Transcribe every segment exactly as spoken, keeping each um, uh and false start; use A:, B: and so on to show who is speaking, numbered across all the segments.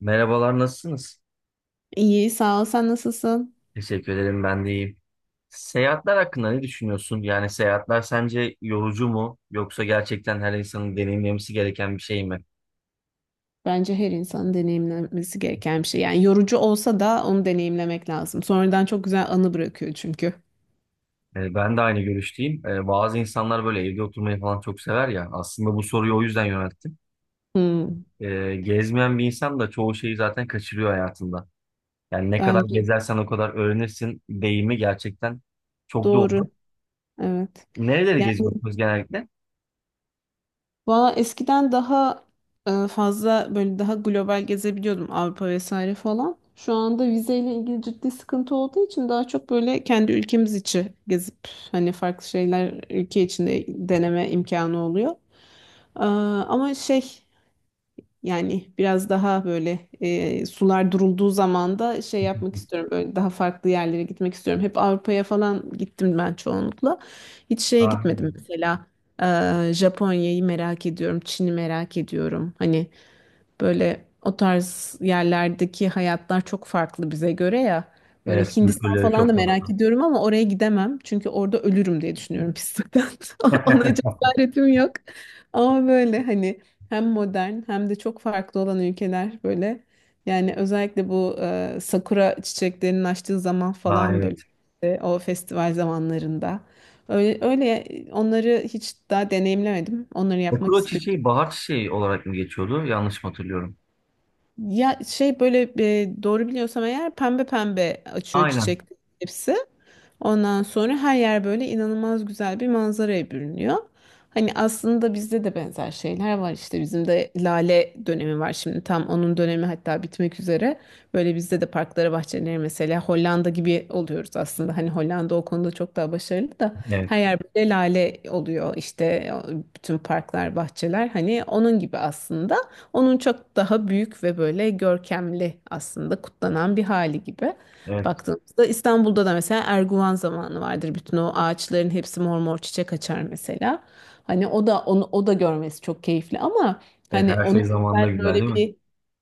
A: Merhabalar, nasılsınız?
B: İyi, sağ ol. Sen nasılsın?
A: Teşekkür ederim, ben de iyiyim. Seyahatler hakkında ne düşünüyorsun? Yani seyahatler sence yorucu mu yoksa gerçekten her insanın deneyimlemesi gereken bir şey mi?
B: Bence her insanın deneyimlemesi gereken bir şey. Yani yorucu olsa da onu deneyimlemek lazım. Sonradan çok güzel anı bırakıyor çünkü.
A: Ee, ben de aynı görüşteyim. Ee, bazı insanlar böyle evde oturmayı falan çok sever ya. Aslında bu soruyu o yüzden yönelttim.
B: Hmm,
A: Ee, gezmeyen bir insan da çoğu şeyi zaten kaçırıyor hayatında. Yani ne kadar
B: bence
A: gezersen o kadar öğrenirsin deyimi gerçekten çok doğru.
B: doğru. Evet.
A: Nereleri
B: Yani
A: geziyorsunuz genellikle?
B: valla eskiden daha e, fazla böyle daha global gezebiliyordum Avrupa vesaire falan. Şu anda vizeyle ilgili ciddi sıkıntı olduğu için daha çok böyle kendi ülkemiz içi gezip hani farklı şeyler ülke içinde deneme imkanı oluyor. Ee, ama şey. Yani biraz daha böyle e, sular durulduğu zaman da şey yapmak istiyorum. Böyle daha farklı yerlere gitmek istiyorum. Hep Avrupa'ya falan gittim ben çoğunlukla. Hiç şeye
A: Ah,
B: gitmedim mesela. e, Japonya'yı merak ediyorum. Çin'i merak ediyorum. Hani böyle o tarz yerlerdeki hayatlar çok farklı bize göre ya. Böyle
A: evet,
B: Hindistan
A: kültürleri
B: falan da
A: çok farklı.
B: merak ediyorum ama oraya gidemem. Çünkü orada ölürüm diye düşünüyorum pislikten. Ona cesaretim yok. Ama böyle hani hem modern hem de çok farklı olan ülkeler böyle. Yani özellikle bu e, sakura çiçeklerinin açtığı zaman
A: Aa,
B: falan böyle
A: evet.
B: e, o festival zamanlarında. Öyle, öyle onları hiç daha deneyimlemedim. Onları yapmak
A: Okuro
B: istiyorum.
A: çiçeği bahar çiçeği olarak mı geçiyordu? Yanlış mı hatırlıyorum?
B: Ya şey böyle e, doğru biliyorsam eğer pembe pembe açıyor
A: Aynen.
B: çiçek hepsi. Ondan sonra her yer böyle inanılmaz güzel bir manzaraya bürünüyor. Hani aslında bizde de benzer şeyler var işte bizim de lale dönemi var, şimdi tam onun dönemi, hatta bitmek üzere. Böyle bizde de parklara bahçeleri mesela Hollanda gibi oluyoruz aslında. Hani Hollanda o konuda çok daha başarılı da
A: Evet.
B: her yer böyle lale oluyor işte, bütün parklar bahçeler hani onun gibi aslında. Onun çok daha büyük ve böyle görkemli aslında kutlanan bir hali gibi.
A: Evet.
B: Baktığımızda İstanbul'da da mesela Erguvan zamanı vardır. Bütün o ağaçların hepsi mor mor çiçek açar mesela. Hani o da onu o da görmesi çok keyifli ama
A: Evet.
B: hani
A: Her
B: onu
A: şey zamanında
B: özel
A: güzel
B: böyle
A: değil mi?
B: bir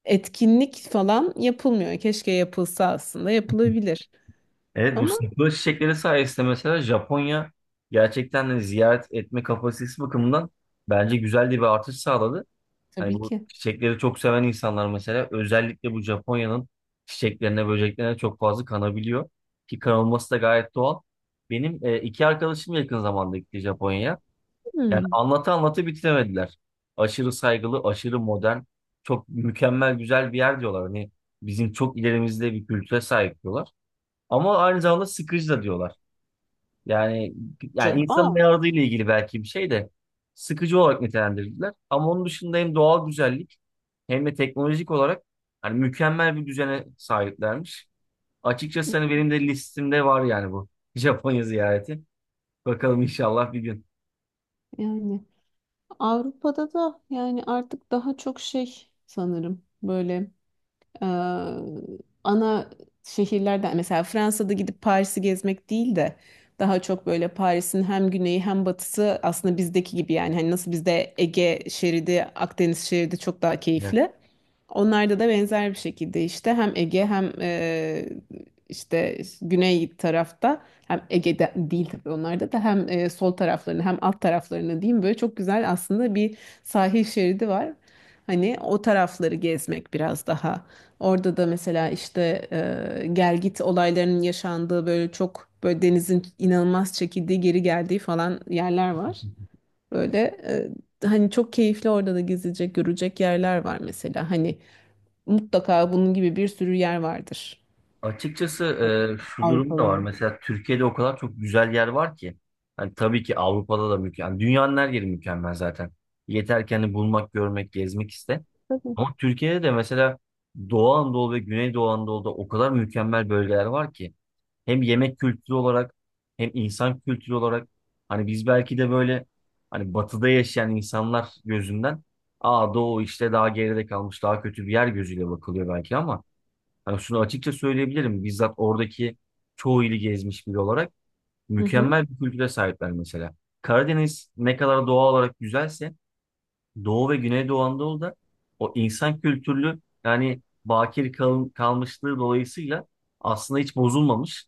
B: etkinlik falan yapılmıyor. Keşke yapılsa, aslında yapılabilir.
A: Evet, bu
B: Ama
A: sakura çiçekleri sayesinde mesela Japonya gerçekten de ziyaret etme kapasitesi bakımından bence güzel de bir artış sağladı. Hani
B: tabii
A: bu
B: ki.
A: çiçekleri çok seven insanlar mesela özellikle bu Japonya'nın çiçeklerine, böceklerine çok fazla kanabiliyor. Ki kanılması da gayet doğal. Benim e, iki arkadaşım yakın zamanda gitti Japonya'ya. Yani
B: Hmm.
A: anlatı anlatı bitiremediler. Aşırı saygılı, aşırı modern, çok mükemmel güzel bir yer diyorlar. Hani bizim çok ilerimizde bir kültüre sahip diyorlar. Ama aynı zamanda sıkıcı da diyorlar. Yani yani
B: Ca-
A: insanın
B: Aa,
A: ne aradığıyla ilgili belki bir şey de sıkıcı olarak nitelendirdiler. Ama onun dışında hem doğal güzellik hem de teknolojik olarak hani mükemmel bir düzene sahiplermiş. Açıkçası hani benim de listemde var, yani bu Japonya ziyareti. Bakalım inşallah bir gün.
B: yani Avrupa'da da yani artık daha çok şey sanırım böyle Ee, ana şehirlerden mesela Fransa'da gidip Paris'i gezmek değil de daha çok böyle Paris'in hem güneyi hem batısı, aslında bizdeki gibi yani hani nasıl bizde Ege şeridi, Akdeniz şeridi çok daha keyifli. Onlarda da benzer bir şekilde işte hem Ege hem e, işte güney tarafta, hem Ege'de değil tabii onlarda da hem e, sol taraflarını hem alt taraflarını diyeyim, böyle çok güzel aslında bir sahil şeridi var. Hani o tarafları gezmek biraz daha. Orada da mesela işte e, gel git olaylarının yaşandığı böyle çok böyle denizin inanılmaz çekildiği geri geldiği falan yerler var.
A: Evet.
B: Böyle e, hani çok keyifli orada da gezilecek görecek yerler var mesela. Hani mutlaka bunun gibi bir sürü yer vardır.
A: Açıkçası e, şu durum da var.
B: Avrupa'da.
A: Mesela Türkiye'de o kadar çok güzel yer var ki. Hani tabii ki Avrupa'da da mükemmel. Dünyanın her yeri mükemmel zaten. Yeter ki hani bulmak, görmek, gezmek iste.
B: Tabii.
A: Ama Türkiye'de de mesela Doğu Anadolu ve Güneydoğu Anadolu'da o kadar mükemmel bölgeler var ki. Hem yemek kültürü olarak hem insan kültürü olarak. Hani biz belki de böyle hani batıda yaşayan insanlar gözünden, aa, Doğu işte daha geride kalmış daha kötü bir yer gözüyle bakılıyor belki ama hani şunu açıkça söyleyebilirim. Bizzat oradaki çoğu ili gezmiş biri olarak
B: Hı hı.
A: mükemmel bir kültüre sahipler mesela. Karadeniz ne kadar doğal olarak güzelse Doğu ve Güneydoğu Anadolu'da o insan kültürlü yani bakir kal- kalmışlığı dolayısıyla aslında hiç bozulmamış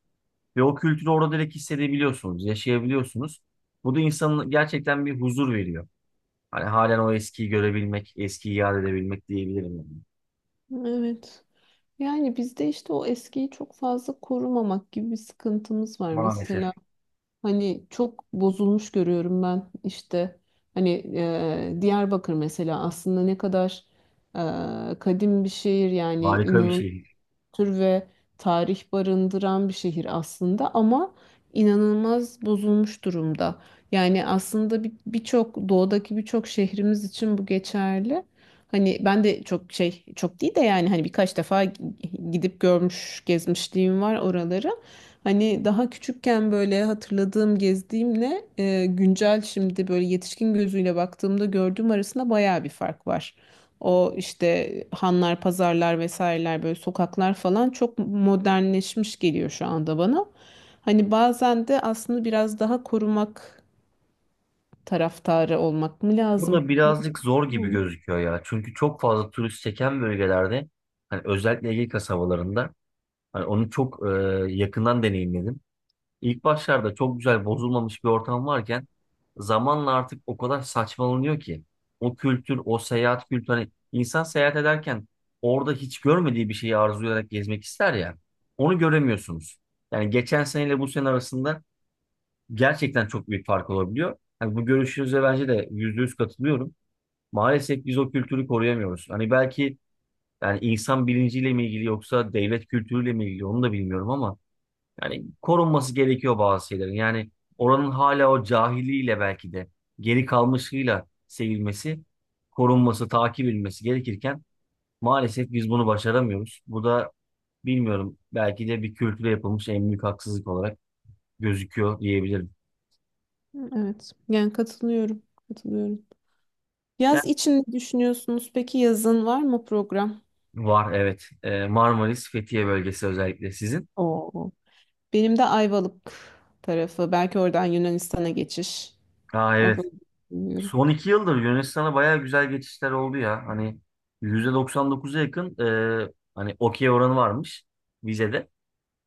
A: ve o kültürü orada direkt hissedebiliyorsunuz, yaşayabiliyorsunuz. Bu da insana gerçekten bir huzur veriyor. Hani halen o eskiyi görebilmek, eskiyi yad edebilmek diyebilirim yani.
B: Evet. Yani bizde işte o eskiyi çok fazla korumamak gibi bir sıkıntımız var. Mesela
A: Maalesef.
B: hani çok bozulmuş görüyorum ben işte hani e, Diyarbakır mesela aslında ne kadar e, kadim bir şehir, yani
A: Harika bir şey.
B: kültür ve tarih barındıran bir şehir aslında ama inanılmaz bozulmuş durumda. Yani aslında bir- birçok doğudaki birçok şehrimiz için bu geçerli. Hani ben de çok şey çok değil de yani hani birkaç defa gidip görmüş gezmişliğim var oraları. Hani daha küçükken böyle hatırladığım gezdiğimle e, güncel şimdi böyle yetişkin gözüyle baktığımda gördüğüm arasında bayağı bir fark var. O işte hanlar, pazarlar vesaireler böyle sokaklar falan çok modernleşmiş geliyor şu anda bana. Hani bazen de aslında biraz daha korumak taraftarı olmak mı
A: Bu da
B: lazım?
A: birazcık zor gibi
B: Bilmiyorum.
A: gözüküyor ya. Çünkü çok fazla turist çeken bölgelerde hani özellikle Ege kasabalarında hani onu çok e, yakından deneyimledim. İlk başlarda çok güzel bozulmamış bir ortam varken zamanla artık o kadar saçmalanıyor ki o kültür, o seyahat kültürü hani insan seyahat ederken orada hiç görmediği bir şeyi arzulayarak gezmek ister ya. Onu göremiyorsunuz. Yani geçen seneyle bu sene arasında gerçekten çok büyük fark olabiliyor. Yani bu görüşünüze bence de yüzde yüz katılıyorum. Maalesef biz o kültürü koruyamıyoruz. Hani belki yani insan bilinciyle mi ilgili yoksa devlet kültürüyle mi ilgili onu da bilmiyorum ama yani korunması gerekiyor bazı şeylerin. Yani oranın hala o cahiliyle belki de geri kalmışlığıyla sevilmesi, korunması, takip edilmesi gerekirken maalesef biz bunu başaramıyoruz. Bu da bilmiyorum, belki de bir kültüre yapılmış en büyük haksızlık olarak gözüküyor diyebilirim.
B: Evet. Yani katılıyorum. Katılıyorum.
A: Yani
B: Yaz için ne düşünüyorsunuz? Peki yazın var mı program?
A: var, evet. Ee, Marmaris, Fethiye bölgesi özellikle sizin.
B: Oo. Benim de Ayvalık tarafı. Belki oradan Yunanistan'a geçiş.
A: Aa,
B: O
A: evet.
B: bölge bilmiyorum.
A: Son iki yıldır Yunanistan'a bayağı güzel geçişler oldu ya. Hani yüzde doksan dokuza yakın e, hani okey oranı varmış vizede.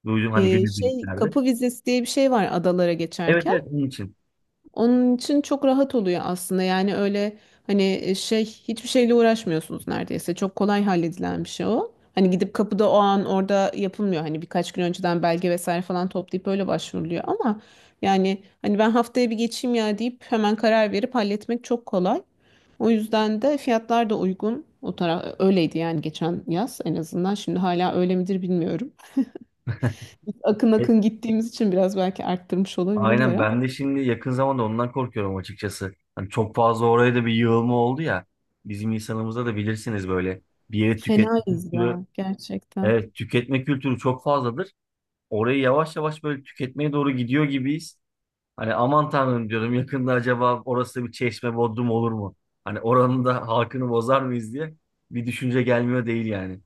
A: Duydum hani
B: Ee,
A: günlük
B: şey
A: birliklerde.
B: kapı vizesi diye bir şey var adalara
A: Evet,
B: geçerken.
A: evet, onun için.
B: Onun için çok rahat oluyor aslında. Yani öyle hani e, şey hiçbir şeyle uğraşmıyorsunuz neredeyse. Çok kolay halledilen bir şey o. Hani gidip kapıda o an orada yapılmıyor. Hani birkaç gün önceden belge vesaire falan toplayıp öyle başvuruluyor ama yani hani ben haftaya bir geçeyim ya deyip hemen karar verip halletmek çok kolay. O yüzden de fiyatlar da uygun. O taraf öyleydi yani, geçen yaz en azından. Şimdi hala öyle midir bilmiyorum. Akın
A: E,
B: akın gittiğimiz için biraz belki arttırmış olabilirler
A: aynen,
B: ama
A: ben de şimdi yakın zamanda ondan korkuyorum açıkçası. Hani çok fazla oraya da bir yığılma oldu ya. Bizim insanımızda da bilirsiniz böyle bir yeri tüketme
B: fenayız
A: kültürü.
B: ya gerçekten.
A: Evet, tüketme kültürü çok fazladır. Orayı yavaş yavaş böyle tüketmeye doğru gidiyor gibiyiz. Hani aman tanrım diyorum, yakında acaba orası bir çeşme bodrum olur mu? Hani oranın da halkını bozar mıyız diye bir düşünce gelmiyor değil yani.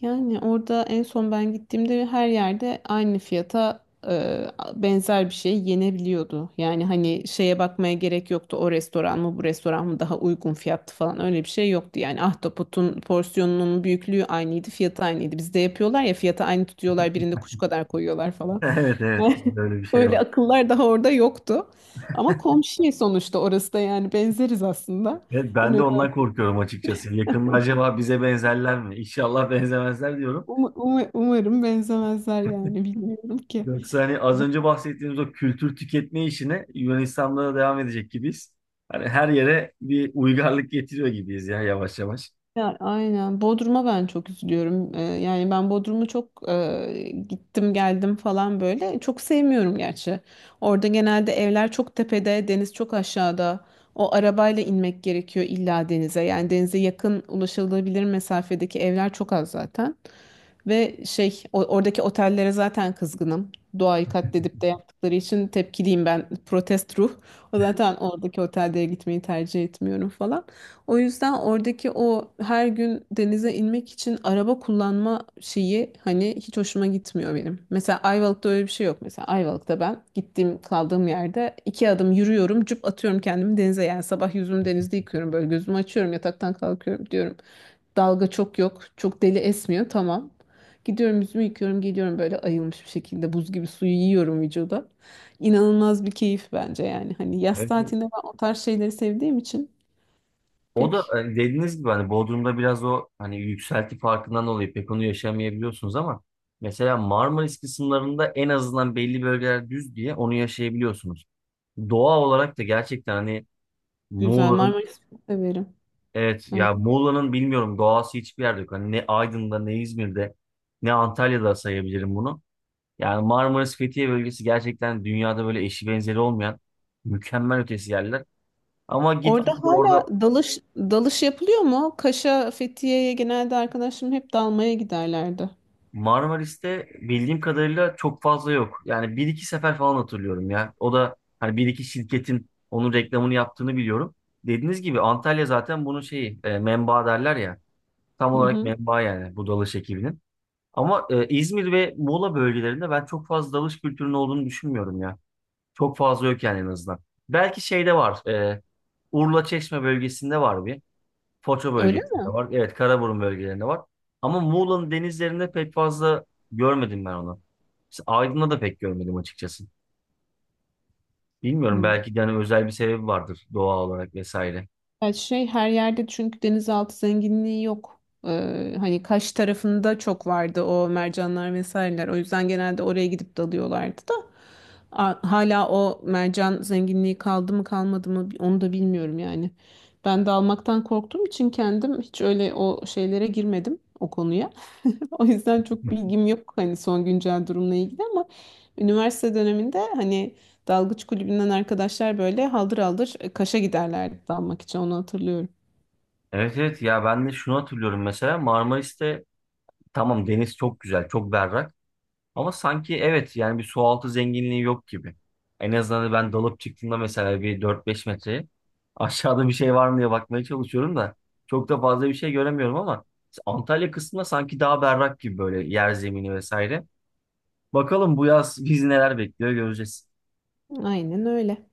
B: Yani orada en son ben gittiğimde her yerde aynı fiyata e, benzer bir şey yenebiliyordu. Yani hani şeye bakmaya gerek yoktu. O restoran mı bu restoran mı daha uygun fiyatlı falan öyle bir şey yoktu. Yani ahtapotun porsiyonunun büyüklüğü aynıydı, fiyatı aynıydı. Bizde yapıyorlar ya, fiyatı aynı tutuyorlar, birinde kuş kadar koyuyorlar falan.
A: Evet, evet, böyle bir şey var.
B: Öyle akıllar daha orada yoktu. Ama komşu sonuçta orası da, yani benzeriz aslında.
A: Evet, ben de
B: Hani
A: ondan korkuyorum açıkçası. Yakında acaba bize benzerler mi? İnşallah benzemezler diyorum.
B: um- um- umarım benzemezler yani, bilmiyorum ki.
A: Yoksa hani az önce bahsettiğimiz o kültür tüketme işine Yunanistan'da da devam edecek gibiyiz. Hani her yere bir uygarlık getiriyor gibiyiz ya yavaş yavaş.
B: Ya aynen. Bodrum'a ben çok üzülüyorum. Ee, yani ben Bodrum'u çok e, gittim geldim falan böyle. Çok sevmiyorum gerçi. Orada genelde evler çok tepede, deniz çok aşağıda. O arabayla inmek gerekiyor illa denize. Yani denize yakın ulaşılabilir mesafedeki evler çok az zaten. Ve şey o- oradaki otellere zaten kızgınım. Doğayı katledip de yaptıkları için tepkiliyim ben. Protest ruh. O zaten oradaki otellere gitmeyi tercih etmiyorum falan. O yüzden oradaki o her gün denize inmek için araba kullanma şeyi hani hiç hoşuma gitmiyor benim. Mesela Ayvalık'ta öyle bir şey yok. Mesela Ayvalık'ta ben gittiğim kaldığım yerde iki adım yürüyorum, cüp atıyorum kendimi denize. Yani sabah yüzümü denizde yıkıyorum böyle, gözümü açıyorum yataktan kalkıyorum diyorum. Dalga çok yok, çok deli esmiyor, tamam. Gidiyorum yüzümü yıkıyorum geliyorum böyle ayılmış bir şekilde, buz gibi suyu yiyorum vücuda. İnanılmaz bir keyif bence yani. Hani yaz
A: Evet.
B: tatilinde ben o tarz şeyleri sevdiğim için
A: O da
B: pek.
A: e, dediğiniz gibi hani Bodrum'da biraz o hani yükselti farkından dolayı pek onu yaşamayabiliyorsunuz ama mesela Marmaris kısımlarında en azından belli bölgeler düz diye onu yaşayabiliyorsunuz. Doğa olarak da gerçekten hani
B: Güzel.
A: Muğla'nın,
B: Marmaris'i çok severim.
A: evet
B: Evet.
A: ya, Muğla'nın bilmiyorum doğası hiçbir yerde yok. Hani ne Aydın'da ne İzmir'de ne Antalya'da sayabilirim bunu. Yani Marmaris Fethiye bölgesi gerçekten dünyada böyle eşi benzeri olmayan mükemmel ötesi yerler. Ama git
B: Orada
A: git
B: hala
A: orada
B: dalış dalış yapılıyor mu? Kaş'a, Fethiye'ye genelde arkadaşlarım hep dalmaya giderlerdi.
A: Marmaris'te bildiğim kadarıyla çok fazla yok. Yani bir iki sefer falan hatırlıyorum ya. O da hani bir iki şirketin onun reklamını yaptığını biliyorum. Dediğiniz gibi Antalya zaten bunun şeyi e, menbaı derler ya. Tam
B: Hı
A: olarak
B: hı.
A: menbaı yani bu dalış ekibinin. Ama e, İzmir ve Muğla bölgelerinde ben çok fazla dalış kültürünün olduğunu düşünmüyorum ya. Çok fazla yok yani en azından. Belki şeyde var. e, Urla Çeşme bölgesinde var bir. Foça
B: Öyle
A: bölgesinde
B: mi?
A: var. Evet, Karaburun bölgelerinde var. Ama Muğla'nın denizlerinde pek fazla görmedim ben onu. Mesela Aydın'da da pek görmedim açıkçası. Bilmiyorum,
B: Hı.
A: belki de hani özel bir sebebi vardır doğa olarak vesaire.
B: Ya şey her yerde çünkü denizaltı zenginliği yok. Ee, hani Kaş tarafında çok vardı o mercanlar vesaireler. O yüzden genelde oraya gidip dalıyorlardı da. A- Hala o mercan zenginliği kaldı mı kalmadı mı onu da bilmiyorum yani. Ben dalmaktan korktuğum için kendim hiç öyle o şeylere girmedim o konuya. O yüzden çok bilgim yok hani son güncel durumla ilgili ama üniversite döneminde hani dalgıç kulübünden arkadaşlar böyle haldır haldır e, Kaş'a giderlerdi dalmak için, onu hatırlıyorum.
A: Evet, evet ya, ben de şunu hatırlıyorum mesela Marmaris'te tamam deniz çok güzel, çok berrak. Ama sanki evet yani bir sualtı zenginliği yok gibi. En azından ben dalıp çıktığımda mesela bir dört beş metreye aşağıda bir şey var mı diye bakmaya çalışıyorum da çok da fazla bir şey göremiyorum ama Antalya kısmında sanki daha berrak gibi böyle yer zemini vesaire. Bakalım bu yaz bizi neler bekliyor göreceğiz.
B: Aynen öyle.